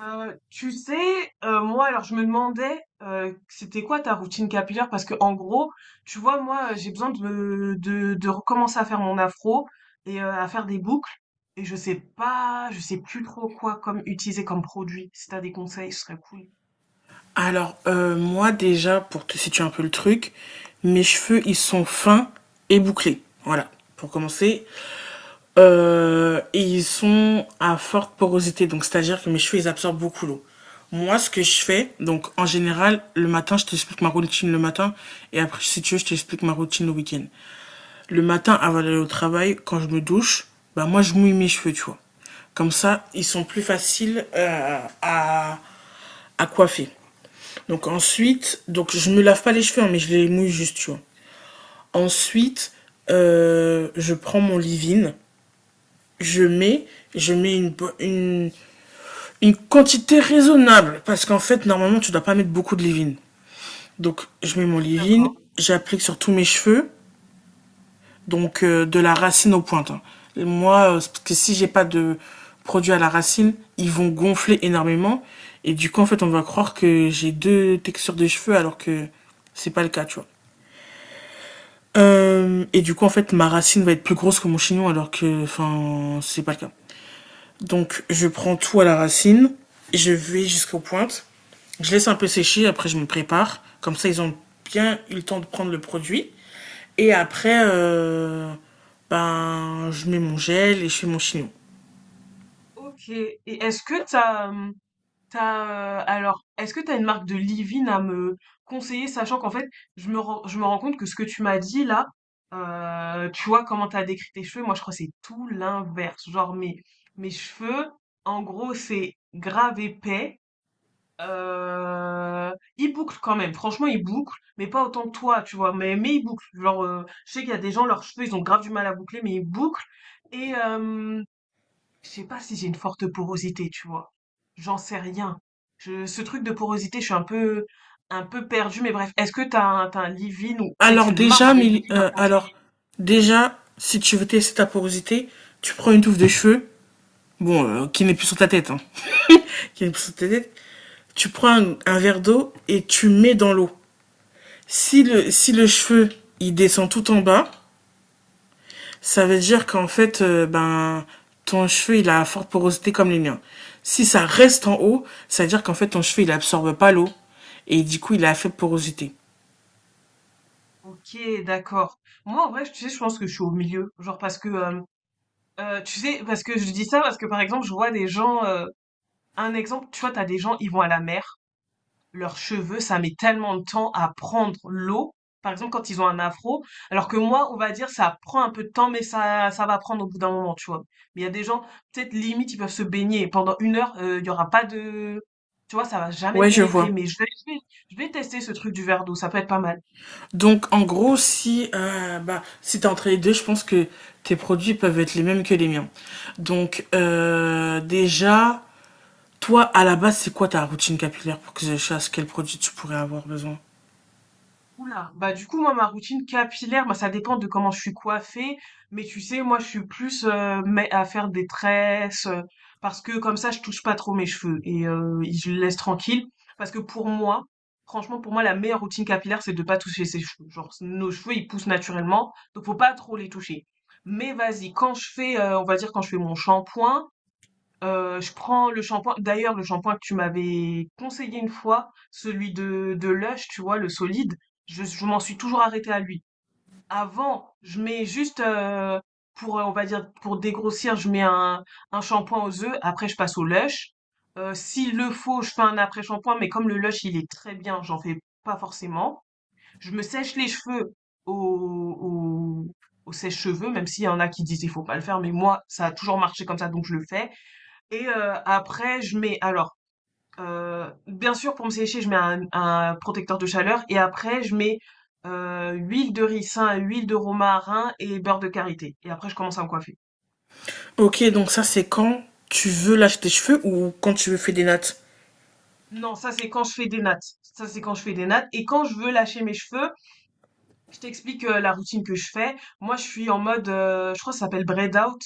Tu sais, moi, alors je me demandais, c'était quoi ta routine capillaire? Parce que en gros, tu vois, moi, j'ai besoin de, de recommencer à faire mon afro et à faire des boucles. Et je sais pas, je sais plus trop quoi comme utiliser comme produit. Si t'as des conseils, ce serait cool. Alors, moi, déjà, pour te situer un peu le truc, mes cheveux, ils sont fins et bouclés. Voilà, pour commencer. Et ils sont à forte porosité, donc c'est-à-dire que mes cheveux, ils absorbent beaucoup l'eau. Moi, ce que je fais, donc en général, le matin, je t'explique ma routine le matin, et après, si tu veux, je t'explique ma routine le week-end. Le matin, avant d'aller au travail, quand je me douche, bah moi, je mouille mes cheveux, tu vois. Comme ça, ils sont plus faciles à coiffer. Donc ensuite, donc je me lave pas les cheveux, hein, mais je les mouille juste, tu vois. Ensuite, je prends mon leave-in, je mets, je mets une, une quantité raisonnable, parce qu'en fait, normalement, tu dois pas mettre beaucoup de leave-in. Donc je mets Ok, mon leave-in, d'accord. j'applique sur tous mes cheveux, donc de la racine aux pointes. Hein. Et moi, parce que si j'ai pas de produit à la racine, ils vont gonfler énormément, et du coup, en fait, on va croire que j'ai deux textures de cheveux, alors que c'est pas le cas, tu vois. Et du coup, en fait, ma racine va être plus grosse que mon chignon, alors que, enfin, c'est pas le cas. Donc, je prends tout à la racine, je vais jusqu'aux pointes, je laisse un peu sécher, après je me prépare. Comme ça, ils ont bien eu le temps de prendre le produit. Et après, ben, je mets mon gel et je fais mon chignon. Ok. Et est-ce que t'as, T'as, alors, est-ce que tu as une marque de leave-in à me conseiller, sachant qu'en fait, je me rends compte que ce que tu m'as dit là, tu vois comment tu as décrit tes cheveux, moi je crois que c'est tout l'inverse. Genre mes cheveux, en gros, c'est grave épais. Euh, Ils bouclent quand même, franchement ils bouclent, mais pas autant que toi, tu vois, mais ils bouclent. Genre, je sais qu'il y a des gens, leurs cheveux, ils ont grave du mal à boucler, mais ils bouclent. Et, je sais pas si j'ai une forte porosité, tu vois. J'en sais rien. Ce truc de porosité, je suis un peu perdue, mais bref. Est-ce que t'as un leave-in ou peut-être Alors une marque déjà, de mais, leave-in à me euh, alors conseiller? déjà, si tu veux tester ta porosité, tu prends une touffe de cheveux, bon, qui n'est plus sur ta tête, hein, qui a une pousse de tête, tu prends un verre d'eau et tu mets dans l'eau. Si le cheveu, il descend tout en bas, ça veut dire qu'en fait, ben, ton cheveu, il a une forte porosité comme les miens. Si ça reste en haut, ça veut dire qu'en fait, ton cheveu, il absorbe pas l'eau. Et du coup, il a une faible porosité. Ok, d'accord. Moi, en vrai, tu sais, je pense que je suis au milieu. Genre parce que, tu sais, parce que je dis ça parce que, par exemple, je vois des gens, un exemple, tu vois, t'as des gens, ils vont à la mer. Leurs cheveux, ça met tellement de temps à prendre l'eau. Par exemple, quand ils ont un afro, alors que moi, on va dire, ça prend un peu de temps, mais ça va prendre au bout d'un moment, tu vois. Mais il y a des gens, peut-être limite, ils peuvent se baigner et pendant une heure, il y aura pas de, tu vois, ça va jamais Ouais, je pénétrer. vois. Mais je vais tester ce truc du verre d'eau, ça peut être pas mal. Donc, en gros, si t'es entre les deux, je pense que tes produits peuvent être les mêmes que les miens. Donc, déjà, toi, à la base, c'est quoi ta routine capillaire pour que je sache quel produit tu pourrais avoir besoin? Oula, bah du coup moi ma routine capillaire, bah ça dépend de comment je suis coiffée, mais tu sais moi je suis plus mais à faire des tresses, parce que comme ça je touche pas trop mes cheveux et je les laisse tranquilles parce que pour moi, franchement pour moi la meilleure routine capillaire c'est de pas toucher ses cheveux. Genre nos cheveux ils poussent naturellement, donc faut pas trop les toucher. Mais vas-y, quand je fais on va dire quand je fais mon shampoing, je prends le shampoing. D'ailleurs, le shampoing que tu m'avais conseillé une fois, celui de Lush, tu vois, le solide, je m'en suis toujours arrêtée à lui. Avant, je mets juste pour, on va dire, pour dégrossir, je mets un shampoing aux œufs. Après, je passe au Lush. S'il le faut, je fais un après-shampoing, mais comme le Lush, il est très bien, j'en fais pas forcément. Je me sèche les cheveux au, au, au sèche-cheveux, même s'il y en a qui disent il faut pas le faire, mais moi, ça a toujours marché comme ça, donc je le fais. Et après, je mets alors, bien sûr, pour me sécher, je mets un protecteur de chaleur. Et après, je mets huile de ricin, huile de romarin et beurre de karité. Et après, je commence à me coiffer. Ok, donc ça, c'est quand tu veux lâcher tes cheveux ou quand tu veux faire des nattes. Non, ça c'est quand je fais des nattes. Ça c'est quand je fais des nattes. Et quand je veux lâcher mes cheveux, je t'explique la routine que je fais. Moi, je suis en mode, je crois que ça s'appelle braid out.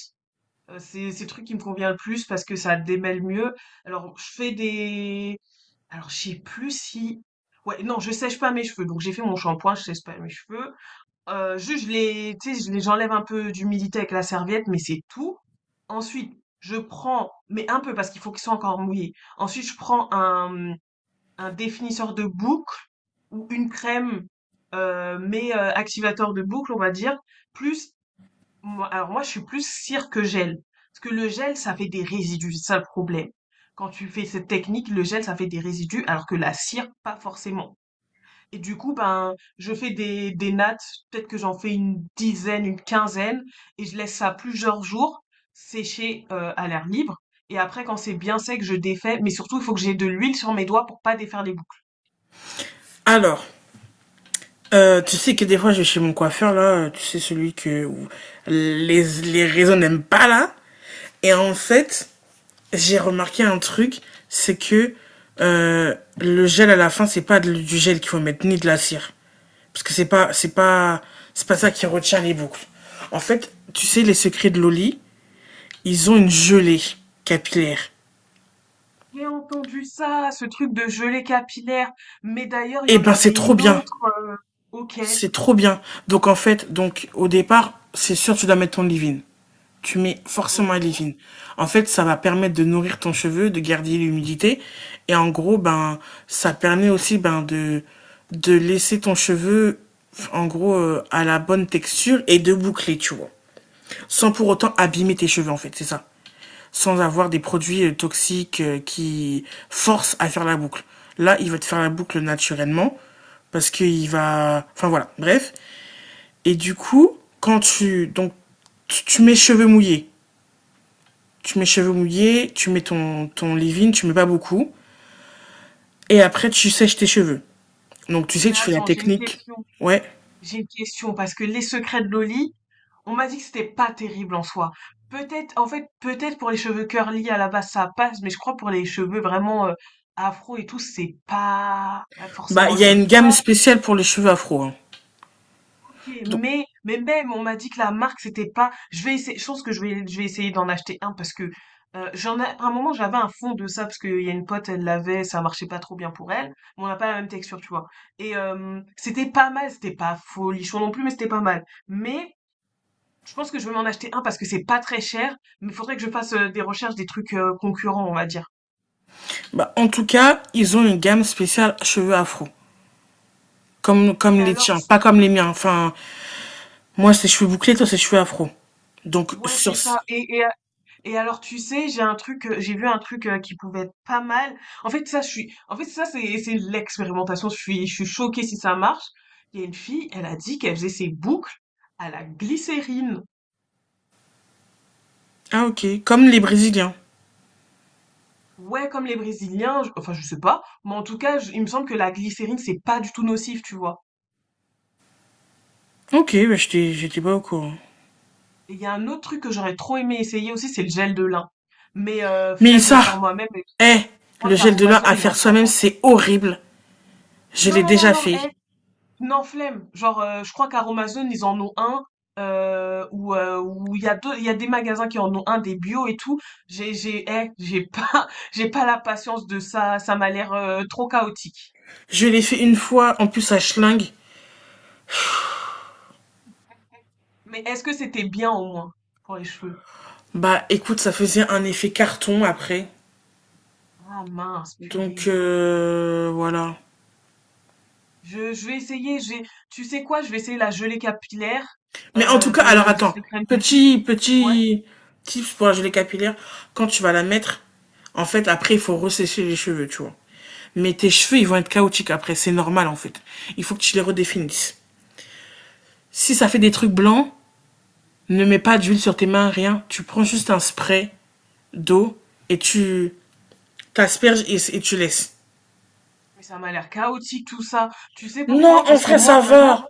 C'est le truc qui me convient le plus parce que ça démêle mieux. Alors, je fais des Alors, je sais plus si ouais, non, je sèche pas mes cheveux, donc j'ai fait mon shampoing, je sèche pas mes cheveux. Juste je les tu sais, je les j'enlève un peu d'humidité avec la serviette, mais c'est tout. Ensuite, je prends mais un peu parce qu'il faut qu'ils soient encore mouillés. Ensuite, je prends un définisseur de boucles ou une crème, mais activateur de boucles, on va dire, plus moi, alors moi, je suis plus cire que gel. Parce que le gel, ça fait des résidus, c'est ça le problème. Quand tu fais cette technique, le gel, ça fait des résidus, alors que la cire, pas forcément. Et du coup, ben, je fais des nattes, peut-être que j'en fais une dizaine, une quinzaine, et je laisse ça plusieurs jours sécher à l'air libre. Et après, quand c'est bien sec, je défais, mais surtout, il faut que j'ai de l'huile sur mes doigts pour pas défaire les boucles. Alors, tu sais que des fois, je vais chez mon coiffeur, là, tu sais, celui que les réseaux n'aiment pas, là. Et en fait, j'ai remarqué un truc, c'est que le gel à la fin, c'est pas du gel qu'il faut mettre, ni de la cire. Parce que c'est pas ça qui retient les boucles. En fait, tu sais, les secrets de Loli, ils ont une gelée capillaire. J'ai entendu ça, ce truc de gelée capillaire. Mais d'ailleurs, il y Eh en ben, c'est avait trop une bien. autre. Ok. C'est trop bien. Donc, en fait, donc, au départ, c'est sûr, tu dois mettre ton leave-in. Tu mets forcément un Ok. leave-in. En fait, ça va permettre de nourrir ton cheveu, de garder l'humidité. Et en gros, ben, ça permet aussi, ben, de laisser ton cheveu, en gros, à la bonne texture et de boucler, tu vois. Sans pour autant abîmer tes cheveux en fait, c'est ça. Sans avoir des produits toxiques qui forcent à faire la boucle. Là, il va te faire la boucle naturellement parce qu'il va enfin voilà, bref. Et du coup, quand tu mets cheveux mouillés, tu mets cheveux mouillés, tu mets ton leave-in, tu mets pas beaucoup et après tu sèches tes cheveux. Donc tu sais, Mais tu fais la attends, j'ai une technique. question. Ouais. J'ai une question parce que les secrets de Loli, on m'a dit que c'était pas terrible en soi. Peut-être, en fait, peut-être pour les cheveux curly à la base ça passe, mais je crois pour les cheveux vraiment afro et tout, c'est pas Bah, forcément il y a le une gamme top. spéciale pour les cheveux afro. Hein. Ok, Donc, mais même, on m'a dit que la marque, c'était pas. Je vais essayer, je pense que je vais essayer d'en acheter un parce que j'en ai, à un moment, j'avais un fond de ça parce qu'il y a une pote, elle l'avait, ça marchait pas trop bien pour elle. Mais on n'a pas la même texture, tu vois. Et c'était pas mal, c'était pas folichon non plus, mais c'était pas mal. Mais je pense que je vais m'en acheter un parce que c'est pas très cher, mais il faudrait que je fasse des recherches des trucs concurrents, on va dire. bah, en tout cas, ils ont une gamme spéciale cheveux afro. Comme, Et comme les alors, tiens, pas comme les miens. Enfin, moi, c'est cheveux bouclés, toi, c'est cheveux afro. Donc, ouais, c'est sur ce- ça. Et alors, tu sais, j'ai un truc, j'ai vu un truc qui pouvait être pas mal. En fait, ça, je suis, en fait, ça, c'est l'expérimentation. Je suis choquée si ça marche. Il y a une fille, elle a dit qu'elle faisait ses boucles à la glycérine. Ah, ok. Comme les Brésiliens. Ouais, comme les Brésiliens, enfin, je sais pas, mais en tout cas, il me semble que la glycérine, c'est pas du tout nocif, tu vois. Ok, bah, j'étais pas au courant. Et il y a un autre truc que j'aurais trop aimé essayer aussi, c'est le gel de lin. Mais Mais flemme de le ça, faire moi-même, et eh, je crois le qu'à gel de lin Amazon à ils faire en font. soi-même, c'est horrible. Je Non, l'ai non, non, déjà non, fait. non, flemme. Genre, je crois qu'à Romazone, ils en ont un. Où il y a deux, il y a des magasins qui en ont un, des bio et tout. J'ai pas, j'ai pas la patience de ça. Ça m'a l'air trop chaotique. Je l'ai fait une fois, en plus, à Schling. Mais est-ce que c'était bien au moins pour les cheveux? Bah, écoute, ça faisait un effet carton après. Ah mince, Donc, purée. Voilà. Je vais essayer. Je vais, tu sais quoi? Je vais essayer la gelée capillaire Mais en tout cas, alors de des attends, secrets de Molly. petit, Ouais, petit tips pour la gelée capillaire, quand tu vas la mettre, en fait, après, il faut ressécher les cheveux, tu vois. Mais tes cheveux, ils vont être chaotiques après, c'est normal en fait. Il faut que tu les redéfinisses. Si ça fait des trucs blancs, ne mets pas d'huile sur tes mains, rien. Tu prends juste un spray d'eau et tu t'asperges et tu laisses. mais ça m'a l'air chaotique tout ça. Tu sais Non, pourquoi? en Parce que vrai, moi, ça vraiment. va.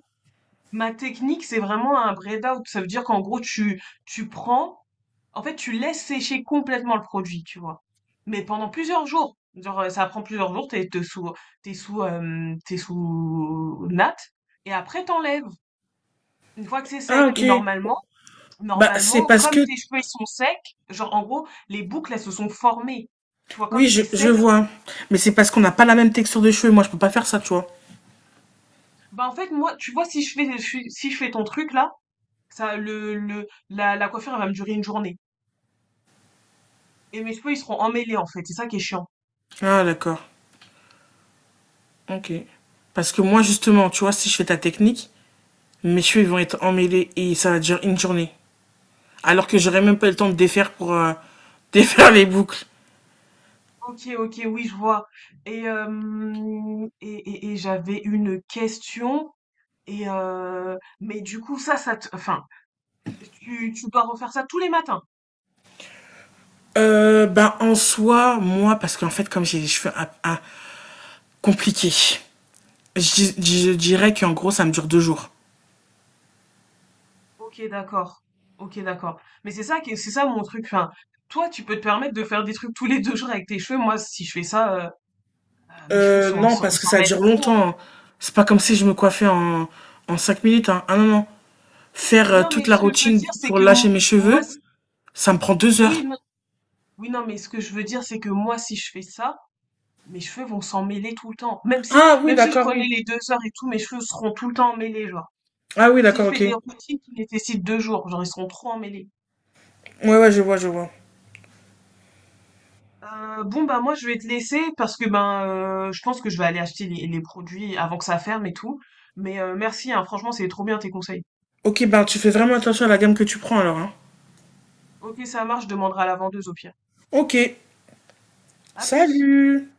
Ma technique, c'est vraiment un braid out. Ça veut dire qu'en gros, tu prends, en fait, tu laisses sécher complètement le produit, tu vois. Mais pendant plusieurs jours. Genre, ça prend plusieurs jours, t'es sous natte. Et après, t'enlèves, une fois que c'est Ah, sec. ok. Et normalement, Bah, c'est normalement, parce que, comme tes cheveux, ils sont secs, genre, en gros, les boucles, elles se sont formées. Tu vois, comme oui, c'est je sec, vois. Mais c'est parce qu'on n'a pas la même texture de cheveux. Moi, je peux pas faire ça, tu vois. bah, en fait, moi, tu vois, si je fais, si je fais ton truc, là, ça, la coiffure, elle va me durer une journée. Et mes cheveux, ils seront emmêlés, en fait. C'est ça qui est chiant. Ah d'accord, OK. Parce que moi justement, tu vois, si je fais ta technique, mes cheveux ils vont être emmêlés et ça va durer une journée. Alors que j'aurais même Ok, pas le temps de défaire pour défaire les boucles. ok, ok, oui, je vois. Et j'avais une question. Et mais du coup, ça te, enfin, tu dois refaire ça tous les matins. Ben en soi, moi, parce qu'en fait, comme j'ai les cheveux compliqués, je dirais qu'en gros, ça me dure 2 jours. Ok, d'accord. Ok, d'accord. Mais c'est ça qui, c'est ça mon truc. Enfin, toi, tu peux te permettre de faire des trucs tous les deux jours avec tes cheveux. Moi, si je fais ça, ah, mes cheveux Euh, sont, non, ils parce que s'en ça mêlent dure trop. longtemps. Hein. C'est pas comme si je me coiffais en 5 minutes. Hein. Ah non, non. Faire Non, mais toute la ce que je veux routine dire, c'est pour que lâcher mes moi, cheveux, ça me prend 2 heures. oui, non, oui, non, mais ce que je veux dire, c'est que moi, si je fais ça, mes cheveux vont s'en mêler tout le temps. Même si, Ah oui, même si je d'accord, prenais oui. les deux heures et tout, mes cheveux seront tout le temps emmêlés, genre. Ah oui, Si je d'accord, fais ok. des routines qui nécessitent deux jours, genre, ils seront trop emmêlés. Ouais, ouais, je vois, je vois. Bon, bah, moi, je vais te laisser parce que, ben, je pense que je vais aller acheter les produits avant que ça ferme et tout. Mais merci, hein, franchement, c'est trop bien tes conseils. Ok, ben tu fais vraiment attention à la gamme que tu prends alors, hein. Ok, ça marche, je demanderai à la vendeuse au pire. Ok, À plus! salut!